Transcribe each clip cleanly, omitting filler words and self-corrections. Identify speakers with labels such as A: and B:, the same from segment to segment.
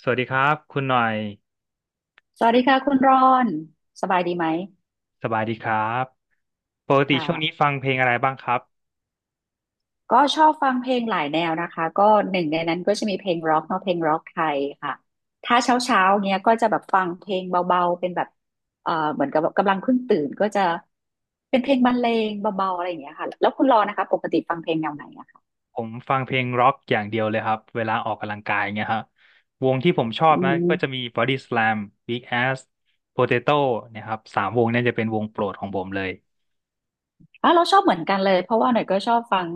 A: สวัสดีครับคุณหน่อย
B: สวัสดีค่ะคุณรอนสบายดีไหม
A: สบายดีครับปกติช่วงนี้
B: ค่ะ
A: ฟังเพลงอะไรบ้างครับ
B: ก็ชอบฟังเพลงหลายแนวนะคะก็หนึ่งในนั้นก็จะมีเพลงร็อกเนาะเพลงร็อกไทยค่ะถ้าเช้าเช้าเนี้ยก็จะแบบฟังเพลงเบาๆเป็นแบบเหมือนกับแบบกำลังเพิ่งตื่นก็จะเป็นเพลงบรรเลงเบาๆอะไรอย่างเงี้ยค่ะแล้วคุณรอนนะคะปกติฟังเพลงแนวไหนอะคะ
A: ผมฟังเพลงร็อกอย่างเดียวเลยครับเวลาออกกำลังกายเงี้ยฮะวงที่ผมชอบ
B: อื
A: นะ
B: ม
A: ก็จะมี Body Slam, Big Ass, Potato เนะครับสามวงเนี้จะเป็นวงโปรดของผมเลย
B: อ่ะเราชอบเหมือนกันเลยเพราะว่าหน่อยก็ชอบฟัง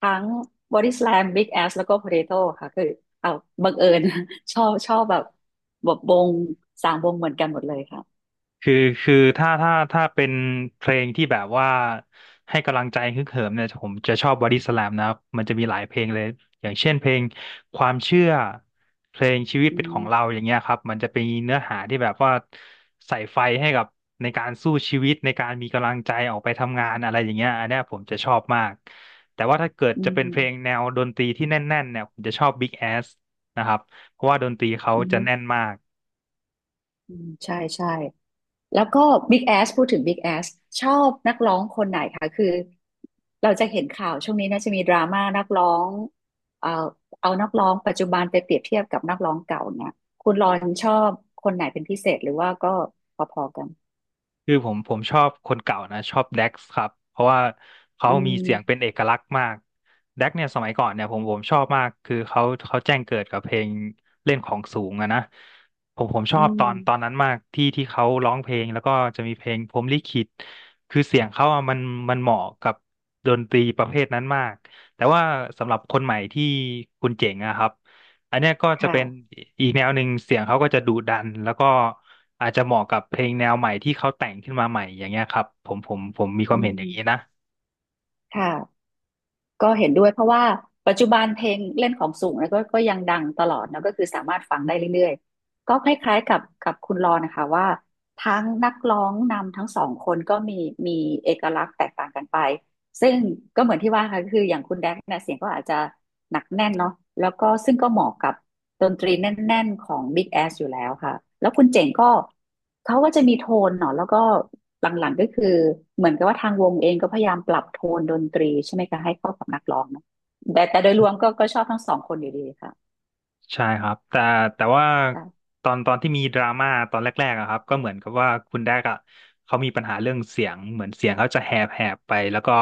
B: ทั้ง Body Slam Big Ass แล้วก็ Potato ค่ะคือเอาบังเอิญ ชอบชอบแบบวงสามวงเหมือนกันหมดเลยค่ะ
A: คือคือถ้าถ้าเป็นเพลงที่แบบว่าให้กำลังใจฮึกเหิมเนี่ยผมจะชอบบอดี้สแลมนะครับมันจะมีหลายเพลงเลยอย่างเช่นเพลงความเชื่อเพลงชีวิต
B: อื
A: เป็นขอ
B: ม
A: งเราอย่างเงี้ยครับมันจะเป็นเนื้อหาที่แบบว่าใส่ไฟให้กับในการสู้ชีวิตในการมีกำลังใจออกไปทำงานอะไรอย่างเงี้ยอันเนี้ยผมจะชอบมากแต่ว่าถ้าเกิด
B: อื
A: จะเป็นเพลง
B: ม
A: แนวดนตรีที่แน่นๆเนี่ยผมจะชอบ Big Ass นะครับเพราะว่าดนตรีเขา
B: อื
A: จะ
B: ม
A: แน่นมาก
B: อืมใช่ใช่แล้วก็ Big Ass พูดถึง Big Ass ชอบนักร้องคนไหนคะคือเราจะเห็นข่าวช่วงนี้น่าจะมีดราม่านักร้องเอ่อเอานักร้องปัจจุบันไปเปรียบเทียบกับนักร้องเก่าเนี่ยคุณรอนชอบคนไหนเป็นพิเศษหรือว่าก็พอๆกัน
A: คือผมชอบคนเก่านะชอบแด็กซ์ครับเพราะว่าเขา
B: อื
A: มีเสียงเป็น
B: ม
A: เอกลักษณ์มากแด็กเนี่ยสมัยก่อนเนี่ยผมชอบมากคือเขาเขาแจ้งเกิดกับเพลงเล่นของสูงอะนะผมช
B: อื
A: อบต
B: ม
A: อนตอนนั้นมากที่เขาร้องเพลงแล้วก็จะมีเพลงพรหมลิขิตคือเสียงเขาอะมันมันเหมาะกับดนตรีประเภทนั้นมากแต่ว่าสำหรับคนใหม่ที่คุณเจ๋งอะครับ อันเนี้ยก็จะเป็น
B: ค่ะ
A: อีกแนวหนึ่งเสียงเขาก็จะดุดันแล้วก็อาจจะเหมาะกับเพลงแนวใหม่ที่เขาแต่งขึ้นมาใหม่อย่างเงี้ยครับผมมีควา
B: อื
A: มเห็นอ
B: ม
A: ย่างนี้นะ
B: ค่ะก็เห็นด้วยเพราะว่าปัจจุบันเพลงเล่นของสูงเนะก็ยังดังตลอดนะก็คือสามารถฟังได้เรื่อยๆ ก็คล้ายๆกับคุณรอนะคะว่าทั้งนักร้องนำทั้งสองคนก็มีเอกลักษณ์แตกต่างกันไปซึ่งก็เหมือนที่ว่าค่ะคืออย่างคุณแดกเนี่ยเสียงก็อาจจะหนักแน่นเนาะแล้วก็ซึ่งก็เหมาะกับ ดนตรีแน่นๆของ Big Ass อยู่แล้วค่ะแล้วคุณเจ๋งก็เขาก็จะมีโทนเนาะแล้วก็หลังๆก็คือเหมือนกับว่าทางวงเองก็พยายามปรับโทนดนตรีใช่ไหมคะให้เข้ากับนักร้องเนาะแต่โดยรวมก็ชอบทั้งสองคนอยู่ดีค่ะ
A: ใช่ครับแต่แต่ว่า
B: ค่ะ
A: ตอนที่มีดราม่าตอนแรกๆอะครับก็เหมือนกับว่าคุณแดกอะเขามีปัญหาเรื่องเสียงเหมือนเสียงเขาจะแหบแหบไปแล้วก็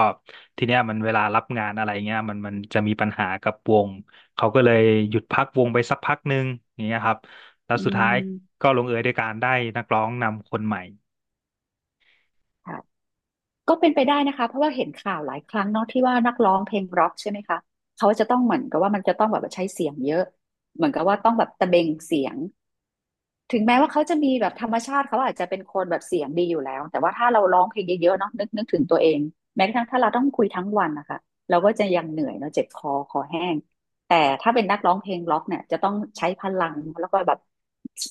A: ทีเนี้ยมันเวลารับงานอะไรเงี้ยมันมันจะมีปัญหากับวงเขาก็เลยหยุดพักวงไปสักพักหนึ่งอย่างเงี้ยครับแล้ว
B: อื
A: สุดท้าย
B: ม
A: ก็ลงเอยด้วยการได้นักร้องนำคนใหม่
B: ค่ะก็เป็นไปได้นะคะเพราะว่าเห็นข่าวหลายครั้งเนาะที่ว่านักร้องเพลงร็อกใช่ไหมคะเขาจะต้องเหมือนกับว่ามันจะต้องแบบว่าใช้เสียงเยอะเหมือนกับว่าต้องแบบตะเบงเสียง ถึงแม้ว่าเขาจะมีแบบธรรมชาติเขาอาจจะเป็นคนแบบเสียงดีอยู่แล้วแต่ว่าถ้าเราร้องเพลงเยอะๆเนาะนึกถึงตัวเองแม้กระทั่งถ้าเราต้องคุยทั้งวันนะคะเราก็จะยังเหนื่อยเนาะเจ็บคอคอแห้งแต่ถ้าเป็นนักร้องเพลงร็อกเนี่ยจะต้องใช้พลังแล้วก็แบบ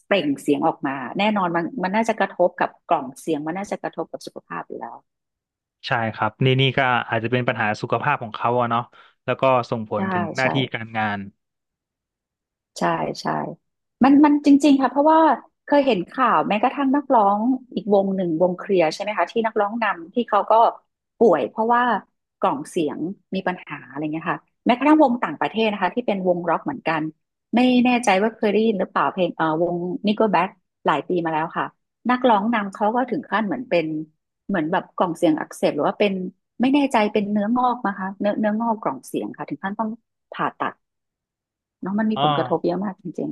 B: เปล่งเสียงออกมาแน่นอนมันน่าจะกระทบกับกล่องเสียงมันน่าจะกระทบกับสุขภาพอยู่แล้ว
A: ใช่ครับนี่นี่ก็อาจจะเป็นปัญหาสุขภาพของเขาอะเนาะแล้วก็ส่งผล
B: ใช่
A: ถึงหน้า
B: ใช่
A: ที่การงาน
B: ใช่ใช่มันจริงๆค่ะเพราะว่าเคยเห็นข่าวแม้กระทั่งนักร้องอีกวงหนึ่งวงเคลียร์ใช่ไหมคะที่นักร้องนำที่เขาก็ป่วยเพราะว่ากล่องเสียงมีปัญหาอะไรเงี้ยค่ะแม้กระทั่งวงต่างประเทศนะคะที่เป็นวงร็อกเหมือนกันไม่แน่ใจว่าเคยได้ยินหรือเปล่าเพลงวง Nickelback หลายปีมาแล้วค่ะนักร้องนำเขาก็ถึงขั้นเหมือนเป็นเหมือนแบบกล่องเสียงอักเสบหรือว่าเป็นไม่แน่ใจเป็นเนื้องอกนะคะเนื้องอกกล่องเสียงค่ะถึงขั้นต้องผ่าตัดเนาะมันมี
A: อ๋อ
B: ผลกระทบเยอะมากจริง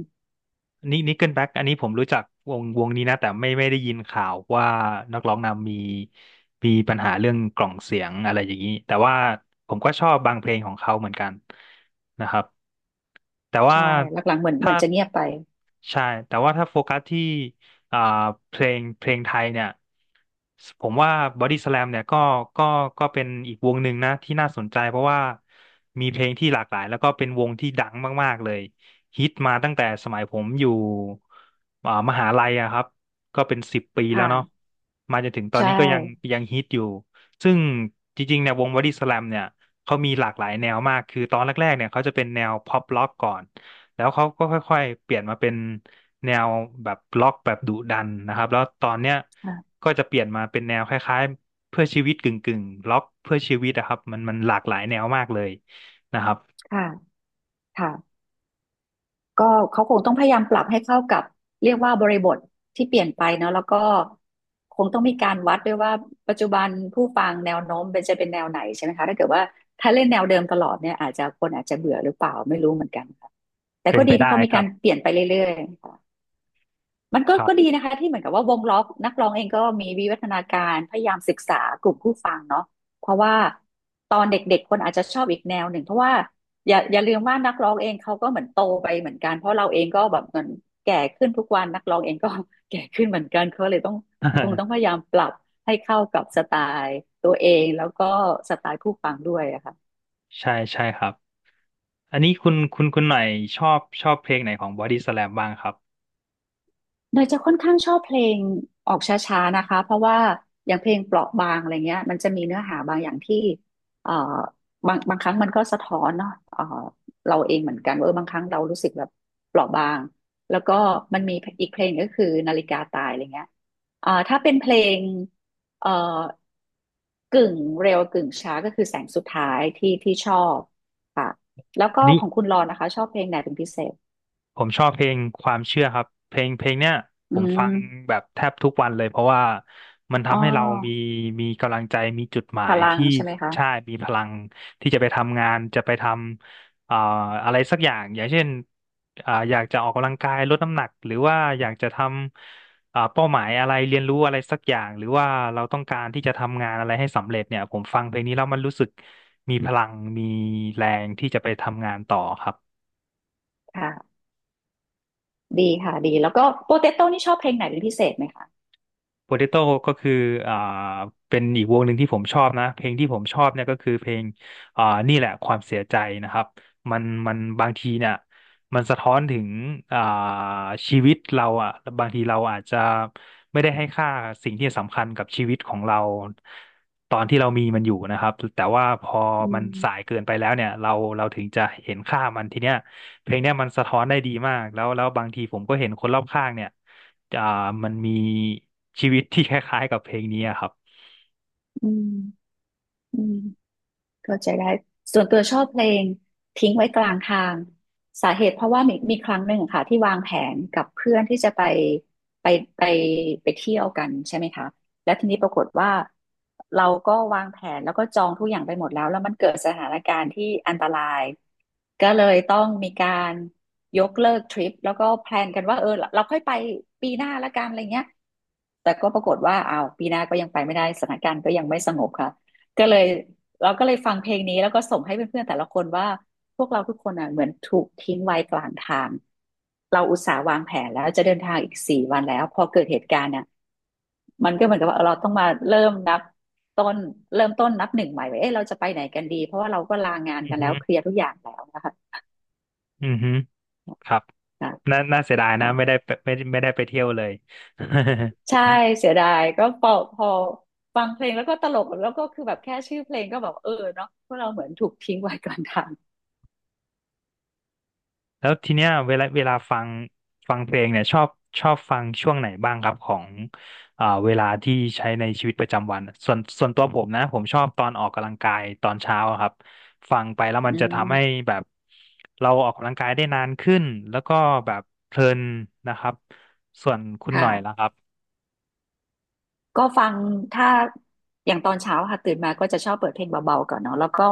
A: นี่นี่เกิลแบ็กอันนี้ผมรู้จักวงวงนี้นะแต่ไม่ไม่ได้ยินข่าวว่านักร้องนำมีมีปัญหาเรื่องกล่องเสียงอะไรอย่างนี้แต่ว่าผมก็ชอบบางเพลงของเขาเหมือนกันนะครับแต่ว่า
B: ใช่ หลังๆเหมือนเหมื
A: ถ้า
B: อนจะเงียบไป
A: ใช่แต่ว่าถ้าโฟกัสที่อ่าเพลงเพลงไทยเนี่ยผมว่าบอดี้สแลมเนี่ยก็ก็เป็นอีกวงหนึ่งนะที่น่าสนใจเพราะว่ามีเพลงที่หลากหลายแล้วก็เป็นวงที่ดังมากๆเลย ฮิตมาตั้งแต่สมัยผมอยู่มหาลัยอะครับก็เป็น10 ปีแล้วเนาะ
B: ค่ะ
A: มาจนถึงตอน
B: ใช่
A: นี้ก็ยังยังฮิตอยู่ซึ่งจริงๆเนี่ยวงบอดี้สแลมเนี่ยเขามีหลากหลายแนวมากคือตอนแรกๆเนี่ยเขาจะเป็นแนวพ็อปล็อกก่อนแล้วเขาก็ค่อยๆเปลี่ยนมาเป็นแนวแบบล็อกแบบดุดันนะครับแล้วตอนเนี้ย
B: ค่ะ
A: ก็จะเปลี่ยนมาเป็นแนวคล้ายๆเพื่อชีวิตกึ่งๆล็อกเพื่อชีวิตอะครับมันมันหลากหลายแนวมากเลยนะครับ
B: ค่ะค่ะก็เขาคงต้องพยายามปรับให้เข้ากับเรียกว่าบริบทที่เปลี่ยนไปเนาะแล้วก็คงต้องมีการวัดด้วยว่าปัจจุบันผู้ฟังแนวโน้มเป็นจะเป็นแนวไหนใช่ไหมคะถ้าเกิดว่าถ้าเล่นแนวเดิมตลอดเนี่ยอาจจะคนอาจจะเบื่อหรือเปล่าไม่รู้เหมือนกันค่ะแต่
A: เป็
B: ก็
A: นไป
B: ดีที่
A: ได้
B: เขามี
A: ครั
B: กา
A: บ
B: รเปลี่ยนไปเรื่อยๆ มันก็
A: ครับ
B: ก็ดีนะคะที่เหมือนกับว่าวงล้อนักร้องเองก็มีวิวัฒนาการพยายามศึกษากลุ่มผู้ฟังเนาะเพราะว่าตอนเด็กๆคนอาจจะชอบอีกแนวหนึ่งเพราะว่าอย่าลืมว่านักร้องเองเขาก็เหมือนโตไปเหมือนกันเพราะเราเองก็แบบเหมือนแก่ขึ้นทุกวันนักร้องเองก็ แก่ขึ้นเหมือนกันเขาเลยต้องคงต้อง พยายามปรับให้เข้ากับสไตล์ตัวเองแล้วก็สไตล์ผู้ฟังด้วยอะค่ะ
A: ใช่ใช่ครับ อันนี้คุณหน่อยชอบชอบเพลงไหนของบอดี้สแลมบ้างครับ
B: เนยจะค่อนข้างชอบเพลงออกช้าๆนะคะเพราะว่าอย่างเพลงเปราะบางอะไรเงี้ยมันจะมีเนื้อหาบางอย่างที่เอ่อบางครั้งมันก็สะท้อนเนาะเราเองเหมือนกันว่าเออบางครั้งเรารู้สึกแบบเปราะบางแล้วก็มันมีอีกเพลงก็คือนาฬิกาตายอะไรเงี้ยถ้าเป็นเพลงเอ่อกึ่งเร็วกึ่งช้าก็คือแสงสุดท้ายที่ชอบค่ะแล้วก็
A: อันนี้
B: ของคุณรอนนะคะชอบเพลงไหนเป็นพิเศษ
A: ผมชอบเพลงความเชื่อครับเพลงเพลงเนี้ยผ
B: อื
A: ม
B: ม
A: ฟังแบบแทบทุกวันเลยเพราะว่ามัน
B: อ๋
A: ทำให้เรามี
B: อ
A: มีกำลังใจมีจุดหมา
B: พ
A: ย
B: ลัง
A: ที่
B: ใช่ไหมคะ
A: ใช่มีพลังที่จะไปทำงานจะไปทำอะไรสักอย่างอย่างเช่นอยากจะออกกำลังกายลดน้ำหนักหรือว่าอยากจะทำเป้าหมายอะไรเรียนรู้อะไรสักอย่างหรือว่าเราต้องการที่จะทำงานอะไรให้สำเร็จเนี่ยผมฟังเพลงนี้แล้วมันรู้สึกมีพลังมีแรงที่จะไปทำงานต่อครับ
B: ค่ะดีค่ะดีแล้วก็โปเตโต้นี่ชอบเพลงไหนเป็นพิเศษไหมคะ
A: โปเตโต้ก็คืออ่าเป็นอีกวงหนึ่งที่ผมชอบนะเพลงที่ผมชอบเนี่ยก็คือเพลงนี่แหละความเสียใจนะครับมันมันบางทีเนี่ยมันสะท้อนถึงอ่าชีวิตเราอ่ะบางทีเราอาจจะไม่ได้ให้ค่าสิ่งที่สำคัญกับชีวิตของเราตอนที่เรามีมันอยู่นะครับแต่ว่าพอ
B: อื
A: มันสาย
B: ม
A: เกินไปแล้วเนี่ยเราถึงจะเห็นค่ามันทีเนี้ยเพลงเนี้ยมันสะท้อนได้ดีมากแล้วแล้วบางทีผมก็เห็นคนรอบข้างเนี่ย อ่ามันมีชีวิตที่คล้ายๆกับเพลงนี้อะครับ
B: อืมอืมเข้าใจได้ส่วนตัวชอบเพลงทิ้งไว้กลางทางสาเหตุเพราะว่ามีครั้งหนึ่งค่ะที่วางแผนกับเพื่อนที่จะไปไปไปเที่ยวกันใช่ไหมคะแล้วทีนี้ปรากฏว่าเราก็วางแผนแล้วก็จองทุกอย่างไปหมดแล้วมันเกิดสถานการณ์ที่อันตรายก็เลยต้องมีการยกเลิกทริปแล้วก็แพลนกันว่าเออเราค่อยไปปีหน้าละกันอะไรเงี้ย แต่ก็ปรากฏว่าอ้าวปีหน้าก็ยังไปไม่ได้สถานการณ์ก็ยังไม่สงบค่ะก็เลยเราก็เลยฟังเพลงนี้แล้วก็ส่งให้เพื่อนๆแต่ละคนว่าพวกเราทุกคนอ่ะเหมือนถูกทิ้งไว้กลางทางเราอุตส่าห์วางแผนแล้วจะเดินทางอีก4 วันแล้วพอเกิดเหตุการณ์เนี่ยมันก็เหมือนกับว่าเราต้องมาต้นเริ่มต้นนับหนึ่งใหม่ว่าเอ๊ะเราจะไปไหนกันดีเพราะว่าเราก็ลางาน
A: อื
B: กั
A: อ
B: นแล้
A: ฮึ
B: วเคลียร์ทุกอย่างแล้วนะคะ
A: อือฮึครับ
B: ค
A: น่าน่าเสียดายนะ
B: ่ะ
A: ไม่ได้ไปไม่ได้ไม่ได้ไปเที่ยวเลย
B: ใช่ เสียดายก็พอพอฟังเพลงแล้วก็ตลกแล้วก็คือแบบแค่ชื่อเพลงก็แบบเออเนาะพวกเราเหมือนถูกทิ้งไว้ กลางทาง
A: แล้วทีเนี้ยเวลาฟังฟังเพลงเนี่ยชอบชอบฟังช่วงไหนบ้างครับของเวลาที่ใช้ในชีวิตประจำวันส่วนตัวผมนะผมชอบตอนออกกำลังกายตอนเช้าอะครับฟังไปแล้วมั
B: อื
A: นจะทำให้
B: ม
A: แบบเราออกกำลังกายได้นานขึ้นแล้วก็แบบเพลินนะครับส่วนคุณหน่อยล่ะค
B: ค่ะ
A: รับ
B: ก็ฟังถ้าอย่างตอนเช้าค่ะตื่นมาก็จะชอบเปิดเพลงเบาๆก่อนเนาะแล้วก็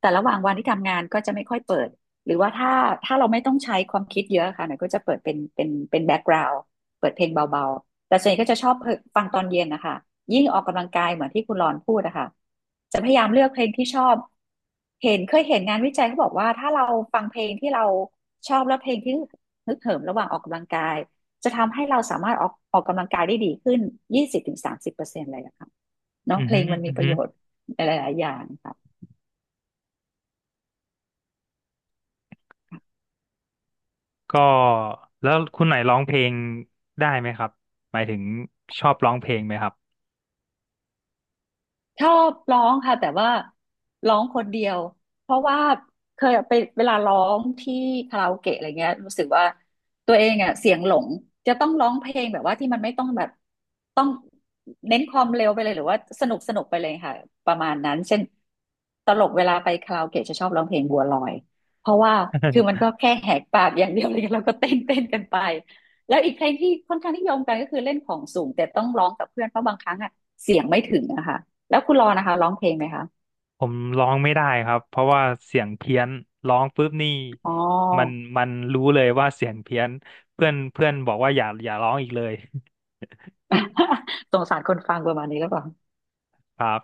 B: แต่ระหว่างวันที่ทำงานก็จะไม่ค่อยเปิดหรือว่าถ้าเราไม่ต้องใช้ความคิดเยอะค่ะหน่อยก็จะเปิดเป็นแบ็กกราวด์เปิดเพลงเบาๆแต่ส่วนใหญ่ก็จะชอบฟังตอนเย็นนะคะยิ่งออกกำลังกายเหมือนที่คุณรอนพูดนะคะจะพยายามเลือกเพลงที่ชอบเห็นเคยเห็นงานวิจัยเขาบอกว่าถ้าเราฟังเพลงที่เราชอบและเพลงที่ฮึกเหิมระหว่างออกกำลังกาย จะทำให้เราสามารถออกกำลังกายได้ดีขึ้น20-30%เลยอะค่ะเนาะ
A: อือ
B: เพล
A: ฮึ
B: งมัน
A: อื
B: มี
A: อ
B: ประ
A: ฮึ
B: โยชน์หลายๆ อย่างค่ะ
A: ก็แล้วคุณไหนร้องเพลงได้ไหมครับหมายถึงชอบร้องเพลงไหมครับ
B: ชอบร้องค่ะแต่ว่าร้องคนเดียวเพราะว่าเคยไปเวลาร้องที่คาราโอเกะอะไรเงี้ยรู้สึกว่าตัวเองอ่ะเสียงหลงจะต้องร้องเพลงแบบว่าที่มันไม่ต้องแบบต้องเน้นความเร็วไปเลยหรือว่าสนุกสนุกไปเลยค่ะประมาณนั้นเช่นตลกเวลาไปคาราโอเกะจะชอบร้องเพลงบัวลอยเพราะว่าคือมัน ก็แค่แหกปากอย่างเดียวเลยแล้วก็เต้นเต้นกันไปแล้วอีกเพลงที่ค่อนข้างนิยมกันก็คือเล่นของสูงแต่ต้องร้องกับเพื่อนเพราะบางครั้งอ่ะเสียงไม่ถึงอะค่ะ แล้วคุณรอนะคะร้องเพลงไหมคะ
A: ผมร้องไม่ได้ครับเพราะว่าเสียงเพี้ยนร้องปุ๊บนี่
B: อ๋อ
A: มันมันรู้เลยว่าเสียงเพี้ยนเพื่อนเพื่อนบอกว่าอย่าร้องอีกเลย
B: สงสารคนฟังประมาณนี้แล้วเปล่า
A: ครับ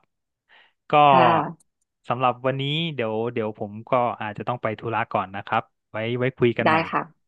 A: ก็
B: ค่ะ
A: สำหรับวันนี้เดี๋ยวผมก็อาจจะต้องไปธุระก่อนนะครับไว้ไว้คุยกัน
B: ได้
A: ใหม่
B: ค่ะ